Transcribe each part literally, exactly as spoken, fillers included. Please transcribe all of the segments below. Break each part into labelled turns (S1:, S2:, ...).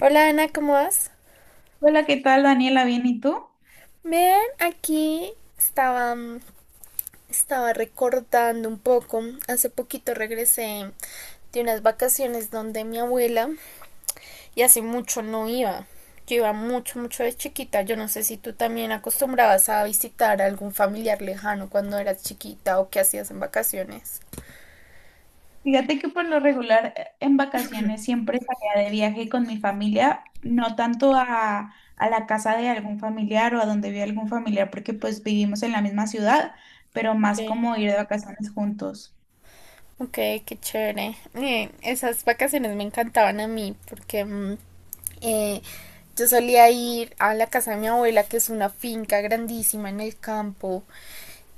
S1: Hola Ana, ¿cómo vas?
S2: Hola, ¿qué tal, Daniela? ¿Bien y tú?
S1: Bien, aquí estaba, estaba recordando un poco. Hace poquito regresé de unas vacaciones donde mi abuela y hace mucho no iba. Yo iba mucho, mucho de chiquita. Yo no sé si tú también acostumbrabas a visitar a algún familiar lejano cuando eras chiquita o qué hacías en vacaciones.
S2: Fíjate que por lo regular eh, en vacaciones siempre salía de viaje con mi familia, no tanto a, a la casa de algún familiar o a donde vive algún familiar, porque pues vivimos en la misma ciudad, pero
S1: Ok.
S2: más como ir de vacaciones juntos.
S1: Ok, qué chévere. Eh, esas vacaciones me encantaban a mí porque mm, eh, yo solía ir a la casa de mi abuela, que es una finca grandísima en el campo,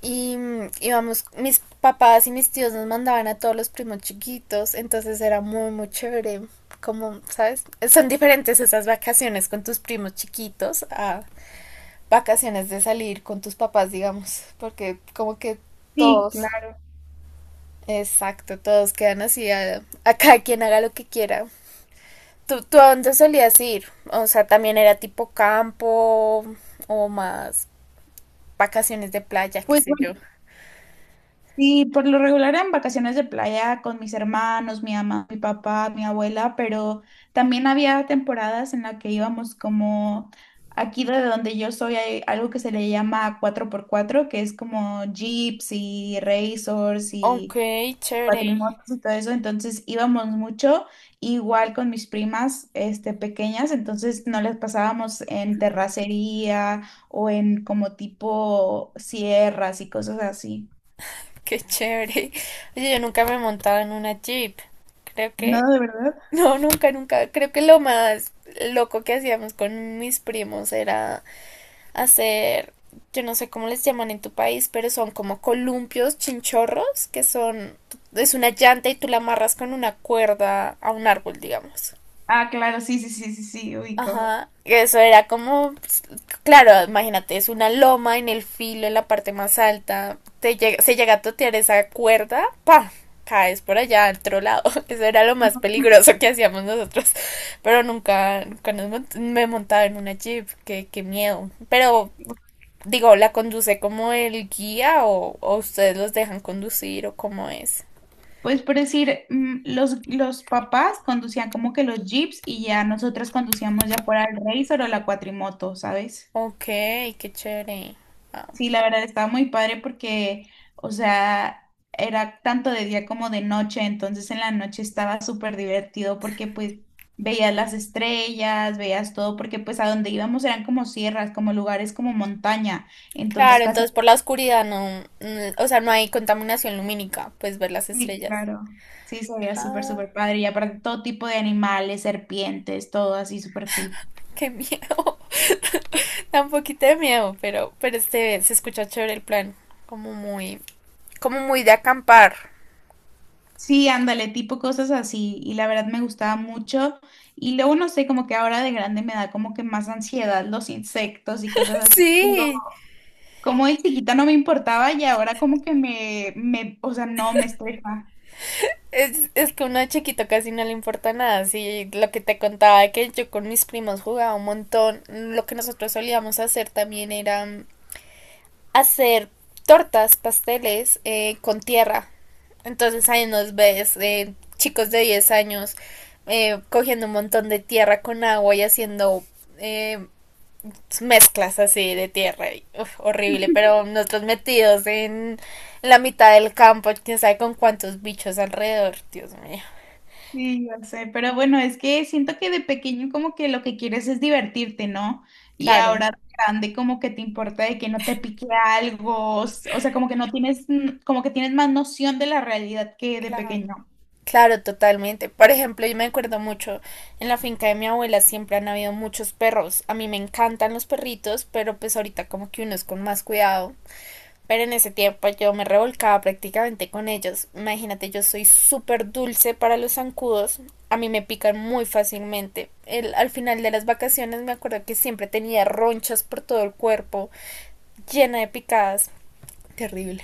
S1: y mm, íbamos, mis papás y mis tíos nos mandaban a todos los primos chiquitos, entonces era muy, muy chévere. Como, ¿sabes? Son diferentes esas vacaciones con tus primos chiquitos a vacaciones de salir con tus papás, digamos, porque como que
S2: Sí,
S1: todos.
S2: claro.
S1: Exacto, todos quedan así a, a cada quien haga lo que quiera. ¿Tú, ¿Tú a dónde solías ir? O sea, también era tipo campo o más vacaciones de playa, qué
S2: Pues
S1: sé yo.
S2: Sí, por lo regular en vacaciones de playa con mis hermanos, mi mamá, mi papá, mi abuela, pero también había temporadas en las que íbamos como, aquí de donde yo soy hay algo que se le llama cuatro por cuatro que es como jeeps y racers y
S1: Ok, chévere,
S2: cuatrimotos y todo eso, entonces íbamos mucho, igual con mis primas este, pequeñas, entonces nos las pasábamos en terracería o en como tipo sierras y cosas así.
S1: qué chévere. Oye, yo nunca me he montado en una Jeep. Creo que,
S2: No, de verdad.
S1: no, nunca, nunca. Creo que lo más loco que hacíamos con mis primos era hacer, yo no sé cómo les llaman en tu país, pero son como columpios, chinchorros, que son, es una llanta y tú la amarras con una cuerda a un árbol, digamos.
S2: Ah, claro, sí, sí, sí, sí, sí, ubico.
S1: Ajá, eso era como, pues, claro, imagínate, es una loma en el filo, en la parte más alta, te llega, se llega a totear esa cuerda, pa, caes por allá, al otro lado, eso era lo más peligroso que hacíamos nosotros, pero nunca, nunca nos mont- me montaba en una jeep, qué, qué miedo, pero digo, ¿la conduce como el guía o, o ustedes los dejan conducir o cómo es?
S2: Pues por decir, mm, los, los papás conducían como que los jeeps y ya nosotras conducíamos ya por el Razor o la cuatrimoto, ¿sabes?
S1: Ok, qué chévere.
S2: Sí, la verdad estaba muy padre porque, o sea, era tanto de día como de noche, entonces en la noche estaba súper divertido porque pues veías las estrellas, veías todo, porque pues a donde íbamos eran como sierras, como lugares como montaña, entonces
S1: Claro,
S2: casi...
S1: entonces por la oscuridad no, mm, o sea, no hay contaminación lumínica, pues ver las
S2: Sí,
S1: estrellas.
S2: claro. Sí, se veía súper,
S1: Ah,
S2: súper padre. Y aparte todo tipo de animales, serpientes, todo así súper cool.
S1: qué miedo. Da un poquito de miedo, pero, pero este se escucha chévere el plan, como muy, como muy de acampar.
S2: Sí, ándale, tipo cosas así. Y la verdad me gustaba mucho. Y luego no sé, como que ahora de grande me da como que más ansiedad los insectos y cosas así. Digo,
S1: Sí.
S2: como de chiquita no me importaba y ahora como que me, me, o sea, no me estresa.
S1: Es, es que uno de chiquito casi no le importa nada, sí, lo que te contaba que yo con mis primos jugaba un montón, lo que nosotros solíamos hacer también era hacer tortas, pasteles eh, con tierra, entonces ahí nos ves eh, chicos de diez años eh, cogiendo un montón de tierra con agua y haciendo eh, mezclas así de tierra, uf, horrible, pero nosotros metidos en la mitad del campo, quién sabe con cuántos bichos alrededor, Dios mío.
S2: Sí, yo sé, pero bueno, es que siento que de pequeño como que lo que quieres es divertirte, ¿no? Y
S1: Claro,
S2: ahora de grande como que te importa de que no te pique algo, s- o sea, como que no tienes, mm, como que tienes más noción de la realidad que de
S1: claro,
S2: pequeño.
S1: claro, totalmente. Por ejemplo, yo me acuerdo mucho, en la finca de mi abuela siempre han habido muchos perros. A mí me encantan los perritos, pero pues ahorita como que uno es con más cuidado. Pero en ese tiempo yo me revolcaba prácticamente con ellos. Imagínate, yo soy súper dulce para los zancudos. A mí me pican muy fácilmente. El- al final de las vacaciones me acuerdo que siempre tenía ronchas por todo el cuerpo, llena de picadas. Terrible.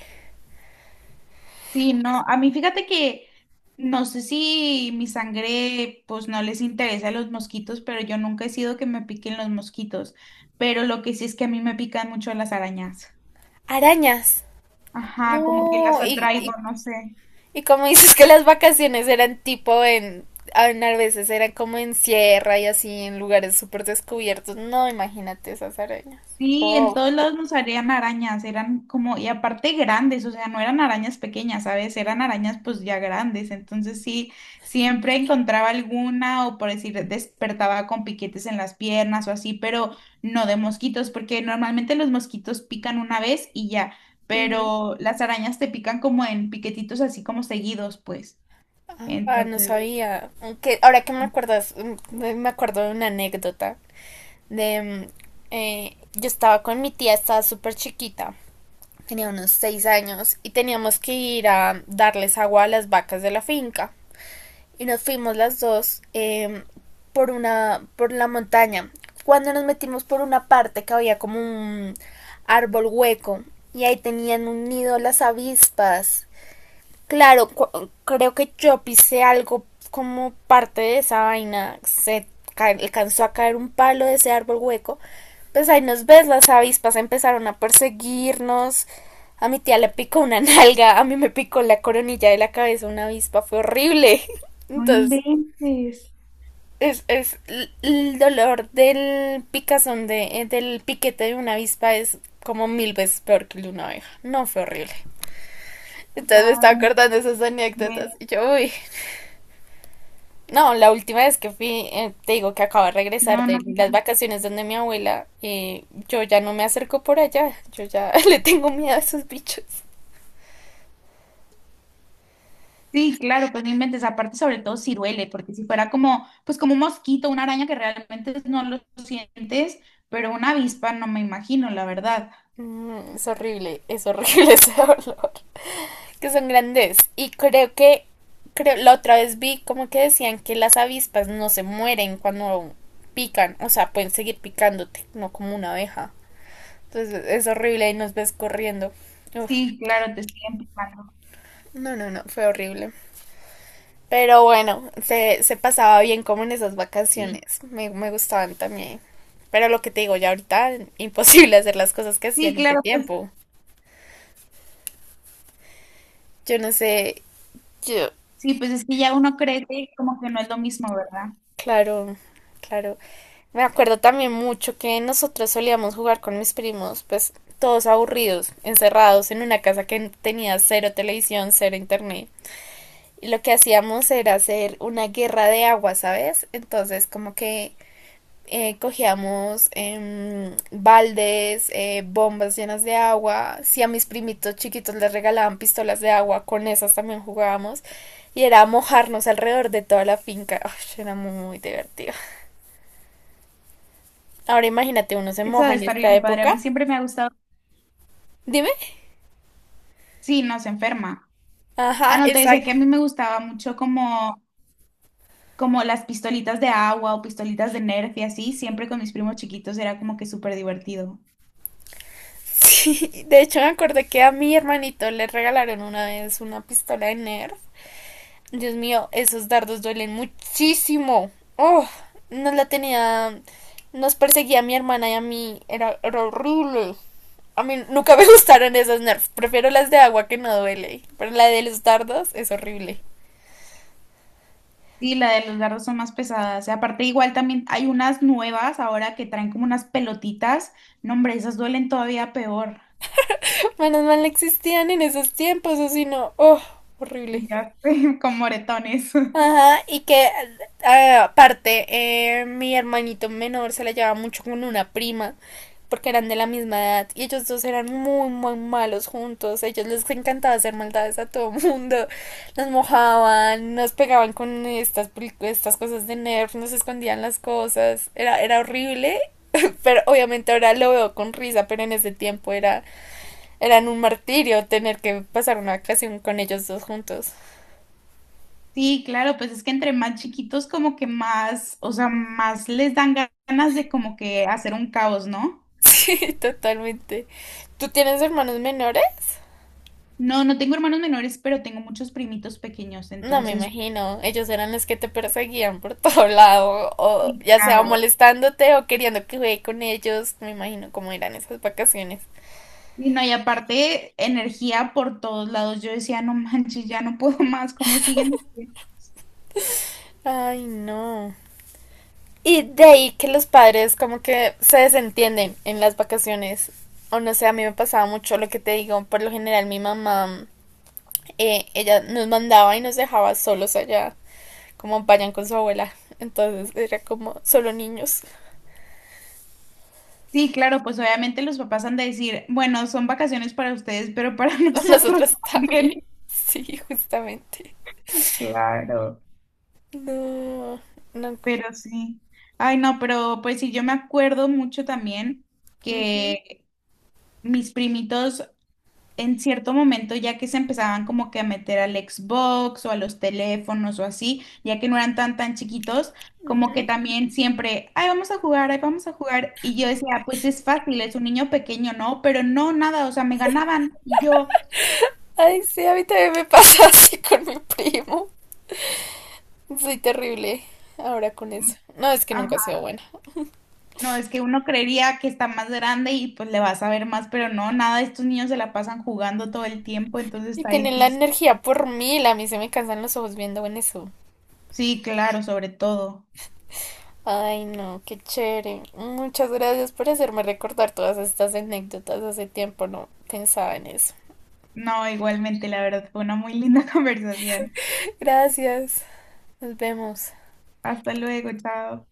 S2: Sí, no, a mí fíjate que no sé si mi sangre pues no les interesa a los mosquitos, pero yo nunca he sido que me piquen los mosquitos, pero lo que sí es que a mí me pican mucho las arañas.
S1: Arañas.
S2: Ajá, como que las
S1: No, y,
S2: atraigo,
S1: y
S2: no sé.
S1: Y como dices que las vacaciones eran tipo en, en a veces eran como en sierra y así en lugares súper descubiertos, no imagínate esas arañas.
S2: Sí, en
S1: Oh.
S2: todos lados nos salían arañas, eran como, y aparte grandes, o sea, no eran arañas pequeñas, ¿sabes? Eran arañas pues ya grandes, entonces sí, siempre encontraba alguna o por decir, despertaba con piquetes en las piernas o así, pero no de mosquitos, porque normalmente los mosquitos pican una vez y ya,
S1: Ujú.
S2: pero las arañas te pican como en piquetitos así como seguidos, pues.
S1: Ah, no
S2: Entonces,
S1: sabía. Aunque ahora que me acuerdas, mm, me acuerdo de una anécdota de mm, eh, yo estaba con mi tía, estaba súper chiquita, tenía unos seis años y teníamos que ir a darles agua a las vacas de la finca. Y nos fuimos las dos eh, por una por la montaña. Cuando nos metimos por una parte que había como un árbol hueco y ahí tenían un nido las avispas. Claro, creo que yo pisé algo como parte de esa vaina. Se ca- alcanzó a caer un palo de ese árbol hueco. Pues ahí nos ves, las avispas empezaron a perseguirnos. A mi tía le picó una nalga, a mí me picó la coronilla de la cabeza una avispa, fue horrible.
S2: no
S1: Entonces,
S2: inventes.
S1: es, es l- el dolor del picazón de, eh, del piquete de una avispa es como mil veces peor que el de una abeja. No fue horrible. Entonces me
S2: Wow,
S1: estaba acordando de esas anécdotas
S2: ven.
S1: y yo, uy. No, la última vez que fui, eh, te digo que acabo de regresar
S2: No,
S1: de
S2: no,
S1: las
S2: no.
S1: vacaciones donde mi abuela, eh, yo ya no me acerco por allá, yo ya le tengo miedo a esos bichos.
S2: Sí, claro, pues no inventes, aparte sobre todo si duele, porque si fuera como, pues como un mosquito, una araña que realmente no lo sientes, pero una avispa no me imagino, la verdad.
S1: Mm, es horrible, es horrible ese olor, que son grandes. Y creo que, creo, la otra vez vi como que decían que las avispas no se mueren cuando pican, o sea, pueden seguir picándote, no como una abeja. Entonces es horrible y nos ves corriendo. Uf,
S2: Sí, claro, te estoy empujando.
S1: no, no, no, fue horrible. Pero bueno, se, se pasaba bien como en esas
S2: Sí,
S1: vacaciones. Me, me gustaban también. Pero lo que te digo, ya ahorita imposible hacer las cosas que hacía
S2: sí,
S1: en ese
S2: claro, pues
S1: tiempo. Yo no sé, yo,
S2: sí, pues es que ya uno cree que como que no es lo mismo, ¿verdad?
S1: claro, claro. Me acuerdo también mucho que nosotros solíamos jugar con mis primos, pues todos aburridos, encerrados en una casa que tenía cero televisión, cero internet. Y lo que hacíamos era hacer una guerra de agua, ¿sabes? Entonces, como que eh, cogíamos em, baldes, eh, bombas llenas de agua. Si a mis primitos chiquitos les regalaban pistolas de agua, con esas también jugábamos. Y era mojarnos alrededor de toda la finca. Ay, era muy divertido. Ahora imagínate, uno se
S2: Eso
S1: moja
S2: de
S1: en
S2: estar
S1: esta
S2: bien padre, a
S1: época.
S2: mí siempre me ha gustado.
S1: Dime.
S2: Sí, no, se enferma. Ah,
S1: Ajá,
S2: no, te decía
S1: exacto.
S2: que a mí me gustaba mucho como, como las pistolitas de agua o pistolitas de Nerf y así, siempre con mis primos chiquitos era como que súper divertido.
S1: Sí, de hecho me acordé que a mi hermanito le regalaron una vez una pistola de Nerf. Dios mío, esos dardos duelen muchísimo. Oh, nos la tenía. Nos perseguía a mi hermana y a mí. Era, era horrible. A mí nunca me gustaron esas nerfs. Prefiero las de agua que no duele. Pero la de los dardos es horrible.
S2: Sí, la de los dardos son más pesadas. Y aparte, igual también hay unas nuevas ahora que traen como unas pelotitas. No, hombre, esas duelen todavía peor.
S1: Menos mal no existían en esos tiempos, o si no. Oh, horrible.
S2: Ya sé, con moretones.
S1: Ajá, y que a- aparte eh, mi hermanito menor se la llevaba mucho con una prima porque eran de la misma edad y ellos dos eran muy muy malos juntos. A ellos les encantaba hacer maldades a todo mundo, nos mojaban, nos pegaban con estas peli- estas cosas de Nerf, nos escondían las cosas, era era horrible, pero obviamente ahora lo veo con risa, pero en ese tiempo era eran un martirio tener que pasar una ocasión con ellos dos juntos.
S2: Sí, claro, pues es que entre más chiquitos como que más, o sea, más les dan ganas de como que hacer un caos, ¿no?
S1: Sí, totalmente. ¿Tú tienes hermanos menores?
S2: No, no tengo hermanos menores, pero tengo muchos primitos pequeños,
S1: No me
S2: entonces,
S1: imagino. Ellos eran los que te perseguían por todo lado, o
S2: sí,
S1: ya sea
S2: caos.
S1: molestándote o queriendo que juegue con ellos. Me imagino cómo eran esas vacaciones.
S2: Y no, y aparte, energía por todos lados. Yo decía, no manches, ya no puedo más, ¿cómo siguen?
S1: Ay, no. Y de ahí que los padres como que se desentienden en las vacaciones. O no sé, a mí me pasaba mucho lo que te digo. Por lo general mi mamá, eh, ella nos mandaba y nos dejaba solos allá, como vayan con su abuela. Entonces era como solo niños.
S2: Sí, claro, pues obviamente los papás han de decir, bueno, son vacaciones para ustedes, pero para nosotros
S1: Nosotros también.
S2: también.
S1: Sí, justamente.
S2: Claro.
S1: No, no.
S2: Pero sí. Ay, no, pero pues sí, yo me acuerdo mucho también
S1: Ujú.
S2: que mis primitos en cierto momento, ya que se empezaban como que a meter al Xbox o a los teléfonos o así, ya que no eran tan tan chiquitos, como que también siempre, ay, vamos a jugar, ay, vamos a jugar. Y yo decía, pues es fácil, es un niño pequeño, ¿no? Pero no, nada, o sea, me ganaban y yo...
S1: Ay, sí, a mí también me pasa así con mi primo. Soy terrible ahora con eso. No, es que
S2: "Ah,
S1: nunca he sido buena.
S2: no, es que uno creería que está más grande y pues le vas a ver más, pero no, nada, estos niños se la pasan jugando todo el tiempo, entonces
S1: Y
S2: está
S1: tienen la
S2: difícil.
S1: energía por mil. A mí se me cansan los ojos viendo en eso.
S2: Sí, claro, sobre todo.
S1: Ay, no, qué chévere. Muchas gracias por hacerme recordar todas estas anécdotas. Hace tiempo no pensaba en eso.
S2: No, igualmente, la verdad, fue una muy linda conversación.
S1: Gracias. Nos vemos.
S2: Hasta luego, chao.